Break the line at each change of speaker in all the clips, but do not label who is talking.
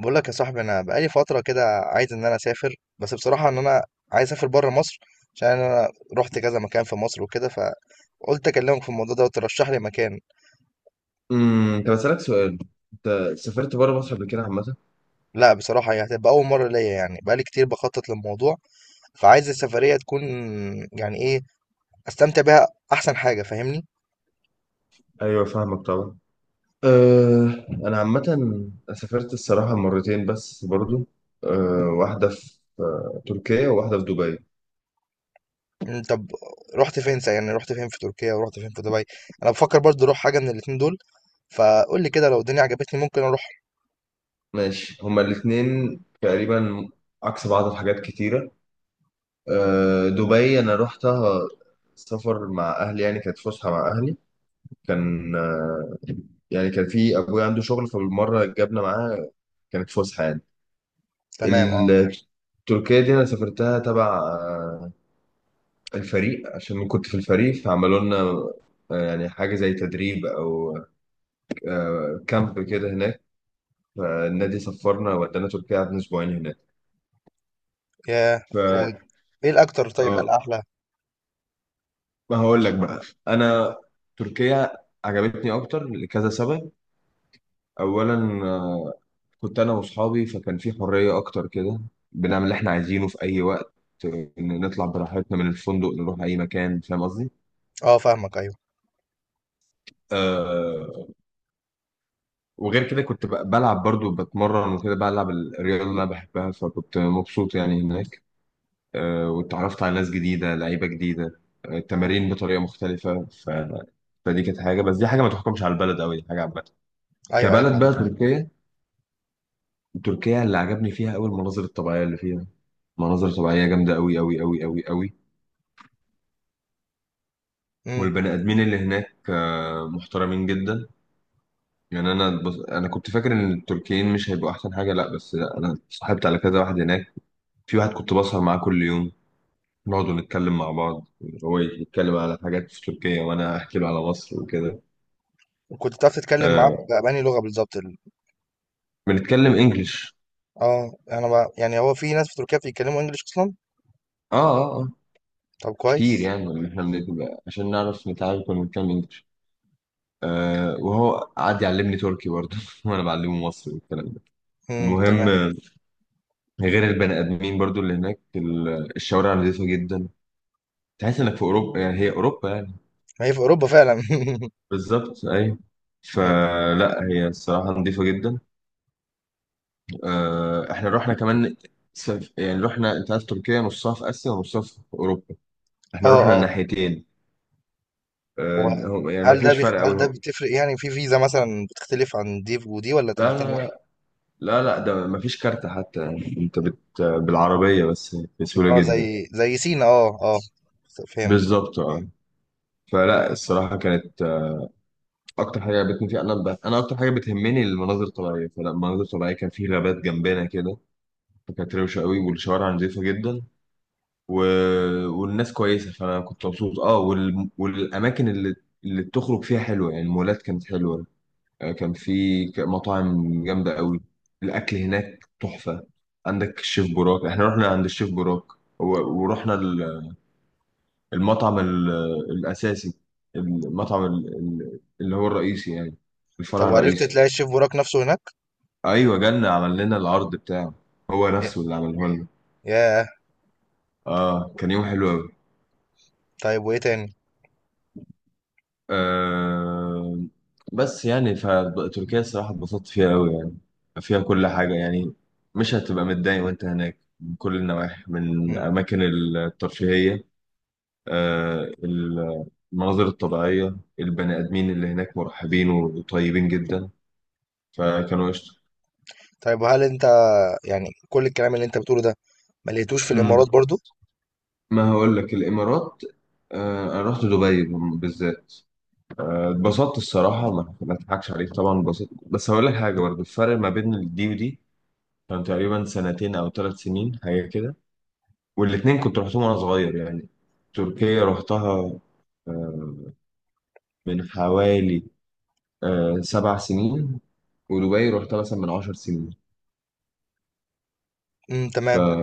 بقول لك يا صاحبي، انا بقالي فتره كده عايز ان انا اسافر، بس بصراحه ان انا عايز اسافر بره مصر، عشان انا رحت كذا مكان في مصر وكده، فقلت اكلمك في الموضوع ده وترشح لي مكان.
طب اسالك سؤال. انت سافرت بره مصر قبل كده عامه؟
لا بصراحه هي هتبقى اول مره ليا، يعني بقالي كتير بخطط للموضوع، فعايز السفريه تكون يعني ايه، استمتع بيها احسن حاجه، فاهمني؟
ايوه، فاهمك طبعا. أه، انا عامه سافرت الصراحه مرتين بس برضو. أه، واحده في تركيا وواحده في دبي.
طب، يعني رحت فين في تركيا ورحت فين في دبي؟ انا بفكر برضه اروح حاجه من الاتنين دول، فقول لي كده لو الدنيا عجبتني ممكن اروح.
ماشي، هما الاثنين تقريبا عكس بعض في حاجات كتيره. أه، دبي انا رحتها سفر مع اهلي، يعني كانت فسحه مع اهلي. كان يعني كان في ابويا عنده شغل فبالمره جابنا معاه، كانت فسحه يعني.
تمام، اه.
ال- تركيا دي انا سافرتها تبع الفريق، عشان كنت في الفريق فعملوا لنا يعني حاجه زي تدريب او كامب كده هناك. فالنادي سفرنا ودانا تركيا، قعدنا اسبوعين هناك.
ياه!
ف
و- ايه الاكتر طيب
اه
الاحلى؟
ما هقول لك بقى، انا تركيا عجبتني اكتر لكذا سبب. اولا، آه، كنت انا واصحابي فكان في حريه اكتر كده، بنعمل اللي احنا عايزينه في اي وقت، إن نطلع براحتنا من الفندق نروح اي مكان. فاهم قصدي؟
آه فاهمك، أيوه.
آه، وغير كده كنت بلعب برضو، بتمرن وكده، بلعب الرياضة اللي أنا بحبها فكنت مبسوط يعني هناك. واتعرفت على ناس جديدة، لعيبة جديدة، تمارين بطريقة مختلفة فدي كانت حاجة. بس دي حاجة ما تحكمش على البلد أوي، دي حاجة عامة.
أيوه، أيوه
كبلد
فاهمك.
بقى تركيا، تركيا اللي عجبني فيها أوي المناظر الطبيعية اللي فيها. مناظر طبيعية جامدة أوي أوي أوي أوي أوي.
إمم.
والبني آدمين اللي هناك محترمين جدا. يعني أنا أنا كنت فاكر إن التركيين مش هيبقوا أحسن حاجة، لأ، بس لأ، أنا صاحبت على كذا واحد هناك. في واحد كنت بسهر معاه كل يوم، نقعد نتكلم مع بعض، هو يتكلم على حاجات في تركيا وانا احكي له على مصر وكده.
وكنت بتعرف تتكلم معاه
آه،
ب بأنهي لغة بالضبط، ال
بنتكلم انجلش.
آه، أنا ب، يعني هو في ناس في تركيا بيتكلموا English أصلًا؟
اه، اه، اه،
طب
كتير
كويس.
يعني. إن احنا بنبقى عشان نعرف نتعامل كنا بنتكلم انجلش. آه، وهو قعد يعلمني تركي برضه وانا بعلمه مصري والكلام ده.
إمم،
المهم،
تمام.
غير البني ادمين برضه اللي هناك، الشوارع نظيفة جدا. تحس انك في اوروبا، يعني هي اوروبا يعني.
ما هي في أوروبا فعلًا.
بالظبط، ايوه.
إمم.
فلا هي الصراحة نظيفة جدا. احنا رحنا كمان يعني رحنا، انت عارف تركيا نصها في اسيا ونصها في اوروبا، احنا رحنا
آه، آه.
الناحيتين. يعني ما
وهل ده
فيش
بيخ
فرق
هل ده
قوي.
بتفرق يعني في فيزا مثلًا، بتختلف عن دي ودي والّا
لا، لا،
الاتنين
لا،
واحد؟
لا، لا، ده ما فيش كارت حتى. يعني انت بالعربيه بس، بسهوله
آه،
جدا.
زي زي سينا. آه، آه. فهمتك.
بالظبط، اه. فلا الصراحه كانت اكتر حاجه عجبتني فيها، انا انا اكتر حاجه بتهمني المناظر الطبيعيه، فلا المناظر الطبيعيه كان في غابات جنبنا كده فكانت روشه قوي، والشوارع نظيفه جدا و... والناس كويسه، فانا كنت مبسوط. اه، والاماكن اللي اللي بتخرج فيها حلوه، يعني المولات كانت حلوه. كان في مطاعم جامده قوي. الاكل هناك تحفه. عندك الشيف براك، احنا رحنا عند الشيف براك و... ورحنا المطعم الاساسي، المطعم اللي هو الرئيسي يعني،
طب
الفرع
وعرفت
الرئيسي.
تلاقي الchef بوراك نفسه هناك؟
ايوه، جالنا عمل لنا العرض بتاعه، هو
ي
نفسه اللي عمله لنا.
ياه!
اه، كان يوم حلو قوي.
طيب وإيه تاني؟
آه، بس يعني فتركيا الصراحة اتبسطت فيها أوي، يعني فيها كل حاجة يعني. مش هتبقى متضايق وأنت هناك من كل النواحي، من
إمم.
أماكن الترفيهية، آه ال- المناظر الطبيعية، البني آدمين اللي هناك مرحبين وطيبين جدا، فكانوا قشطة.
طيب وهل أنت، يعني كل الكلام اللي أنت بتقوله ده، ما لقيتوش في
مم.
الإمارات برضه؟
ما هقول لك، الإمارات، آه، أنا رحت دبي بالذات. اتبسطت الصراحة، ما أضحكش عليك، طبعا اتبسطت، بس هقول لك حاجة برضه: الفرق ما بين دي ودي كان تقريبا سنتين أو 3 سنين حاجة كده، والاتنين كنت رحتهم وأنا صغير يعني. تركيا رحتها آه، من حوالي 7 سنين، ودبي رحتها مثلا من 10 سنين.
إمم،
ف
تمام.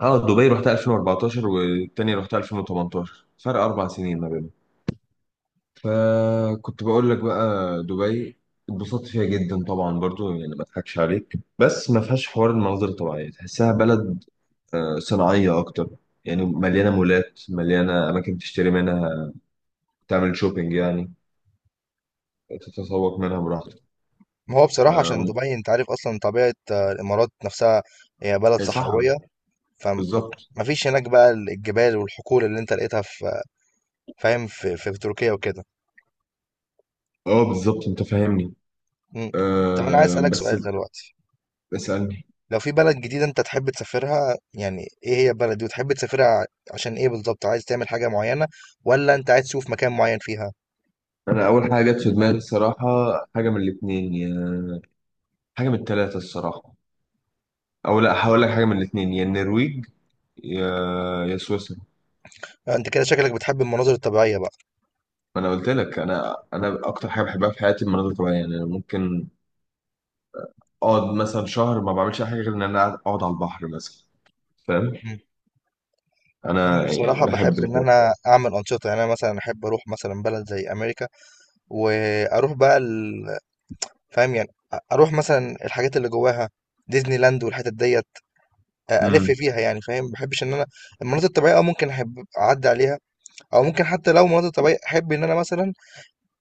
اه دبي رحتها 2014 والتاني رحتها 2018، فرق 4 سنين ما بينهم. فكنت بقول لك بقى دبي اتبسطت فيها جدا طبعا برضو، يعني ما اضحكش عليك، بس ما فيهاش حوار المناظر الطبيعيه، تحسها بلد صناعية أكتر. يعني مليانة مولات، مليانة أماكن تشتري منها، تعمل شوبينج يعني، تتسوق منها براحتك.
ما هو بصراحة
آه،
عشان
و-
دبي، أنت عارف أصلًا طبيعة الإمارات نفسها، هي بلد
صح.
صحراوية. فما
بالظبط،
ما فيش هناك بقى الجبال والحقول اللي أنت لقيتها في، فاهم، في في تركيا وكده.
اه، بالظبط، انت فاهمني.
إمم. طب أنا عايز أسألك
بس،
سؤال دلوقتي،
اسألني.
لو في بلد جديدة أنت تحب تسافرها، يعني إيه هي البلد دي وتحب تسافرها عشان إيه بالضبط؟ عايز تعمل حاجة معينة والّا أنت عايز تشوف مكان معين فيها؟
أنا أول حاجة جت في دماغي الصراحة، حاجة من الاتنين، يا حاجة من التلاتة الصراحة. أو لا، هقول لك حاجة من الاتنين، يا النرويج يا يا سويسرا.
آه، أنت كده شكلك بتحب المناظر الطبيعية بقى.
ما أنا قلت لك، أنا أكتر حاجة بحبها في حياتي المناظر الطبيعية. يعني أنا ممكن أقعد مثلا شهر ما بعملش أي حاجة غير إن أنا أقعد على البحر مثلا. فاهم؟
إمم. أنا
انا يعني
بصراحة
بحب
باحب إن
الحوار.
أنا أعمل أنشطة، يعني أنا مثلًا أحب أروح مثلًا بلد زي أمريكا، واروح بقى ال- فاهم يعني، اروح مثلا الحاجات اللي جواها، ديزني لاند والحتت ديت الف
امم،
فيها، يعني فاهم، ما بحبش ان انا المناطق الطبيعيه، اه ممكن احب اعدي عليها، او ممكن حتى لو مناطق طبيعيه احب ان انا مثلا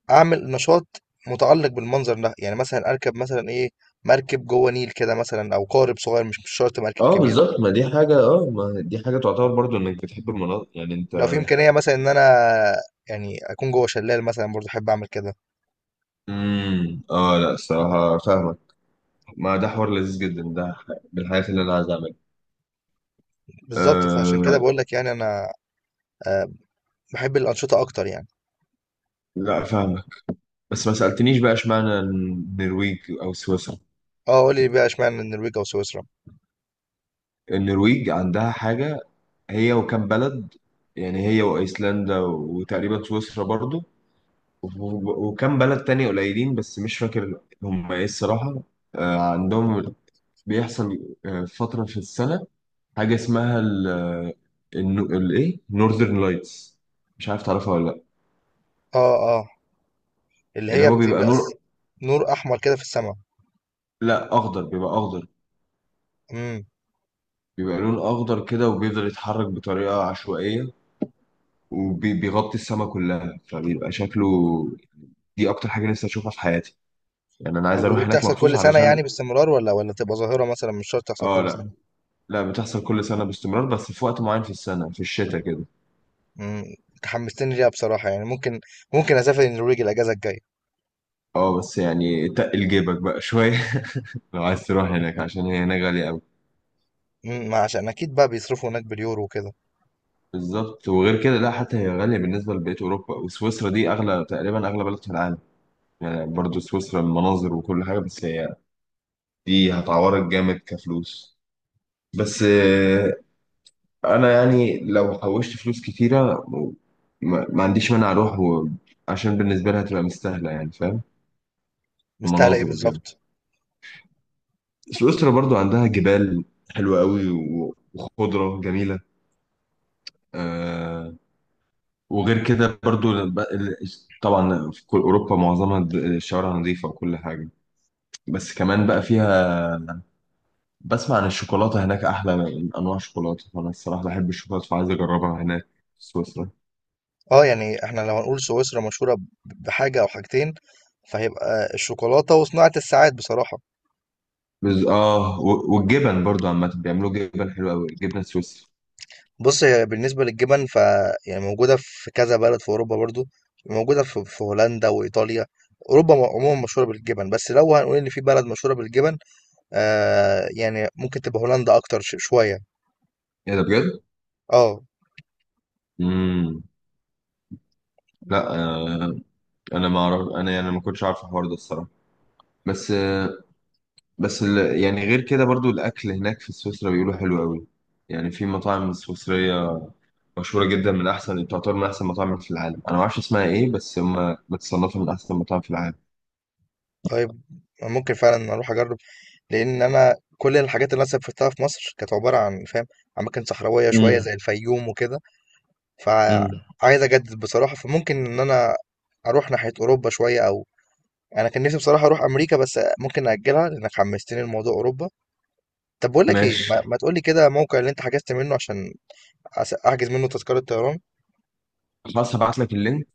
اعمل نشاط متعلق بالمنظر ده، يعني مثلا اركب مثلا ايه، مركب جوه نيل كده مثلا، او قارب صغير، مش شرط مركب
اه
كبير.
بالظبط، ما دي حاجة. اه، ما دي حاجة تعتبر برضو انك بتحب المناطق، يعني انت.
لو في امكانيه مثلا ان انا يعني اكون جوه شلال مثلا، برضه احب اعمل كده.
امم، اه لا الصراحة فاهمك، ما ده حوار لذيذ جدا، ده من الحاجات اللي انا عايز اعملها.
بالظبط، فعشان كده
آه
بقول لك يعني انا، آه، بحب الانشطه اكتر يعني.
لا، فاهمك. بس ما سألتنيش بقى، اشمعنى النرويج او سويسرا؟
اه، قول لي بقى اشمعنى النرويج او سويسرا.
النرويج عندها حاجة، هي وكم بلد، يعني هي وايسلندا وتقريبا سويسرا برضو، وف- وكم بلد تاني قليلين بس مش فاكر هم ايه الصراحة. آه، عندهم بيحصل فترة في السنة حاجة اسمها ال آه، الايه، نورذرن لايتس. مش عارف تعرفها ولا لا؟
اه، اه. اللي
اللي هو بيبقى نور.
نور احمر كده في السماء.
لا، اخضر، بيبقى اخضر.
امم.
بيبقى لون اخضر كده، وبيفضل يتحرك بطريقة عشوائية، وبيغطي السماء كلها، فبيبقى شكله. دي اكتر حاجة نفسي اشوفها في حياتي، يعني انا عايز
طب
اروح
ودي
هناك
بتحصل
مخصوص
كل سنه
علشان.
يعني باستمرار، ولا تبقى ظاهره مثلا مش شرط تحصل
اه
كل
لا،
سنه؟
لا بتحصل كل سنة باستمرار، بس في وقت معين في السنة، في الشتاء كده.
امم. حمستني ليها بصراحه، يعني ممكن، ممكن اسافر النرويج الاجازه الجايه.
اه بس يعني تقل جيبك بقى شوية لو عايز تروح هناك، عشان هي هناك غالية.
امم، ما عشان اكيد بقى بيصرفوا هناك باليورو وكده.
بالظبط. وغير كده، لا حتى هي غالية بالنسبة لبقية أوروبا، وسويسرا دي أغلى، تقريبا أغلى بلد في العالم. يعني برضو سويسرا المناظر وكل حاجة، بس هي دي هتعورك جامد كفلوس. بس أنا يعني لو حوشت فلوس كتيرة، ما عنديش مانع أروح و... عشان بالنسبة لها هتبقى مستاهلة يعني. فاهم؟
مستاهله ايه
المناظر وكده.
بالظبط؟
سويسرا برضو عندها جبال حلوة قوي، وخضرة جميلة. آه، وغير كده برضو طبعا في كل اوروبا معظمها الشوارع نظيفه وكل حاجه، بس كمان بقى فيها، بسمع عن الشوكولاته هناك احلى من انواع الشوكولاته، فانا الصراحه بحب الشوكولاته فعايز اجربها هناك في سويسرا.
اه، يعني احنا لو هنقول سويسرا مشهوره ب، بحاجه او حاجتين، فهيبقى الشوكولاته وصناعه الساعات بصراحه.
اه، والجبن برضو عامه، بيعملوا جبن حلو قوي، الجبنه السويسري.
بُص، بالنسبة للجبن، ف يعني موجودة في كذا بلد في أوروبا برضه، موجودة في في هولندا وإيطاليا، أوروبا م عمومًا مشهورة بالجبن، بس لو هنقول إن في بلد مشهورة بالجبن، يعني ممكن تبقى هولندا أكتر شوية.
ايه ده بجد؟
آه.
امم،
إمم.
لا. آه، انا ما اعرف، انا يعني ما كنتش عارف الحوار ده الصراحه. بس آه، بس يعني غير كده برضو الاكل هناك في سويسرا بيقولوا حلو قوي، يعني في مطاعم سويسرية مشهورة جدا، من أحسن، تعتبر من أحسن مطاعم في العالم. أنا ما أعرفش اسمها إيه، بس هما بتصنفها من أحسن مطاعم في العالم.
طيب، ممكن فعلًا أروح أجرب، لإن أنا كل الحاجات اللي أنا سافرتها في مصر كانت عبارة عن، فاهم، أماكن صحراوية شوية
امم.
زي الفيوم وكده،
امم.
فعايز أجدد بصراحة، فممكن إن أنا أروح ناحية أوروبا شوية، أو انا كان نفسي بصراحه اروح امريكا، بس ممكن ناجلها لانك حمستني لموضوع اوروبا. طب بقول لك ايه،
ماشي.
ما تقول لي كده موقع اللي انت حجزت منه عشان احجز منه تذكره طيران.
خلاص، هبعت لك اللينك،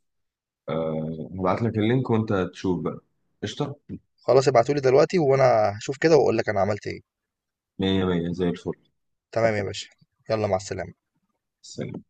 آه، هبعت لك اللينك وأنت تشوف بقى. قشطة.
خلاص ابعتولي دلوقتي وانا هشوف كده واقول لك انا عملت ايه.
مية مية زي
تمام يا باشا، يلا مع السلامه.
الفل.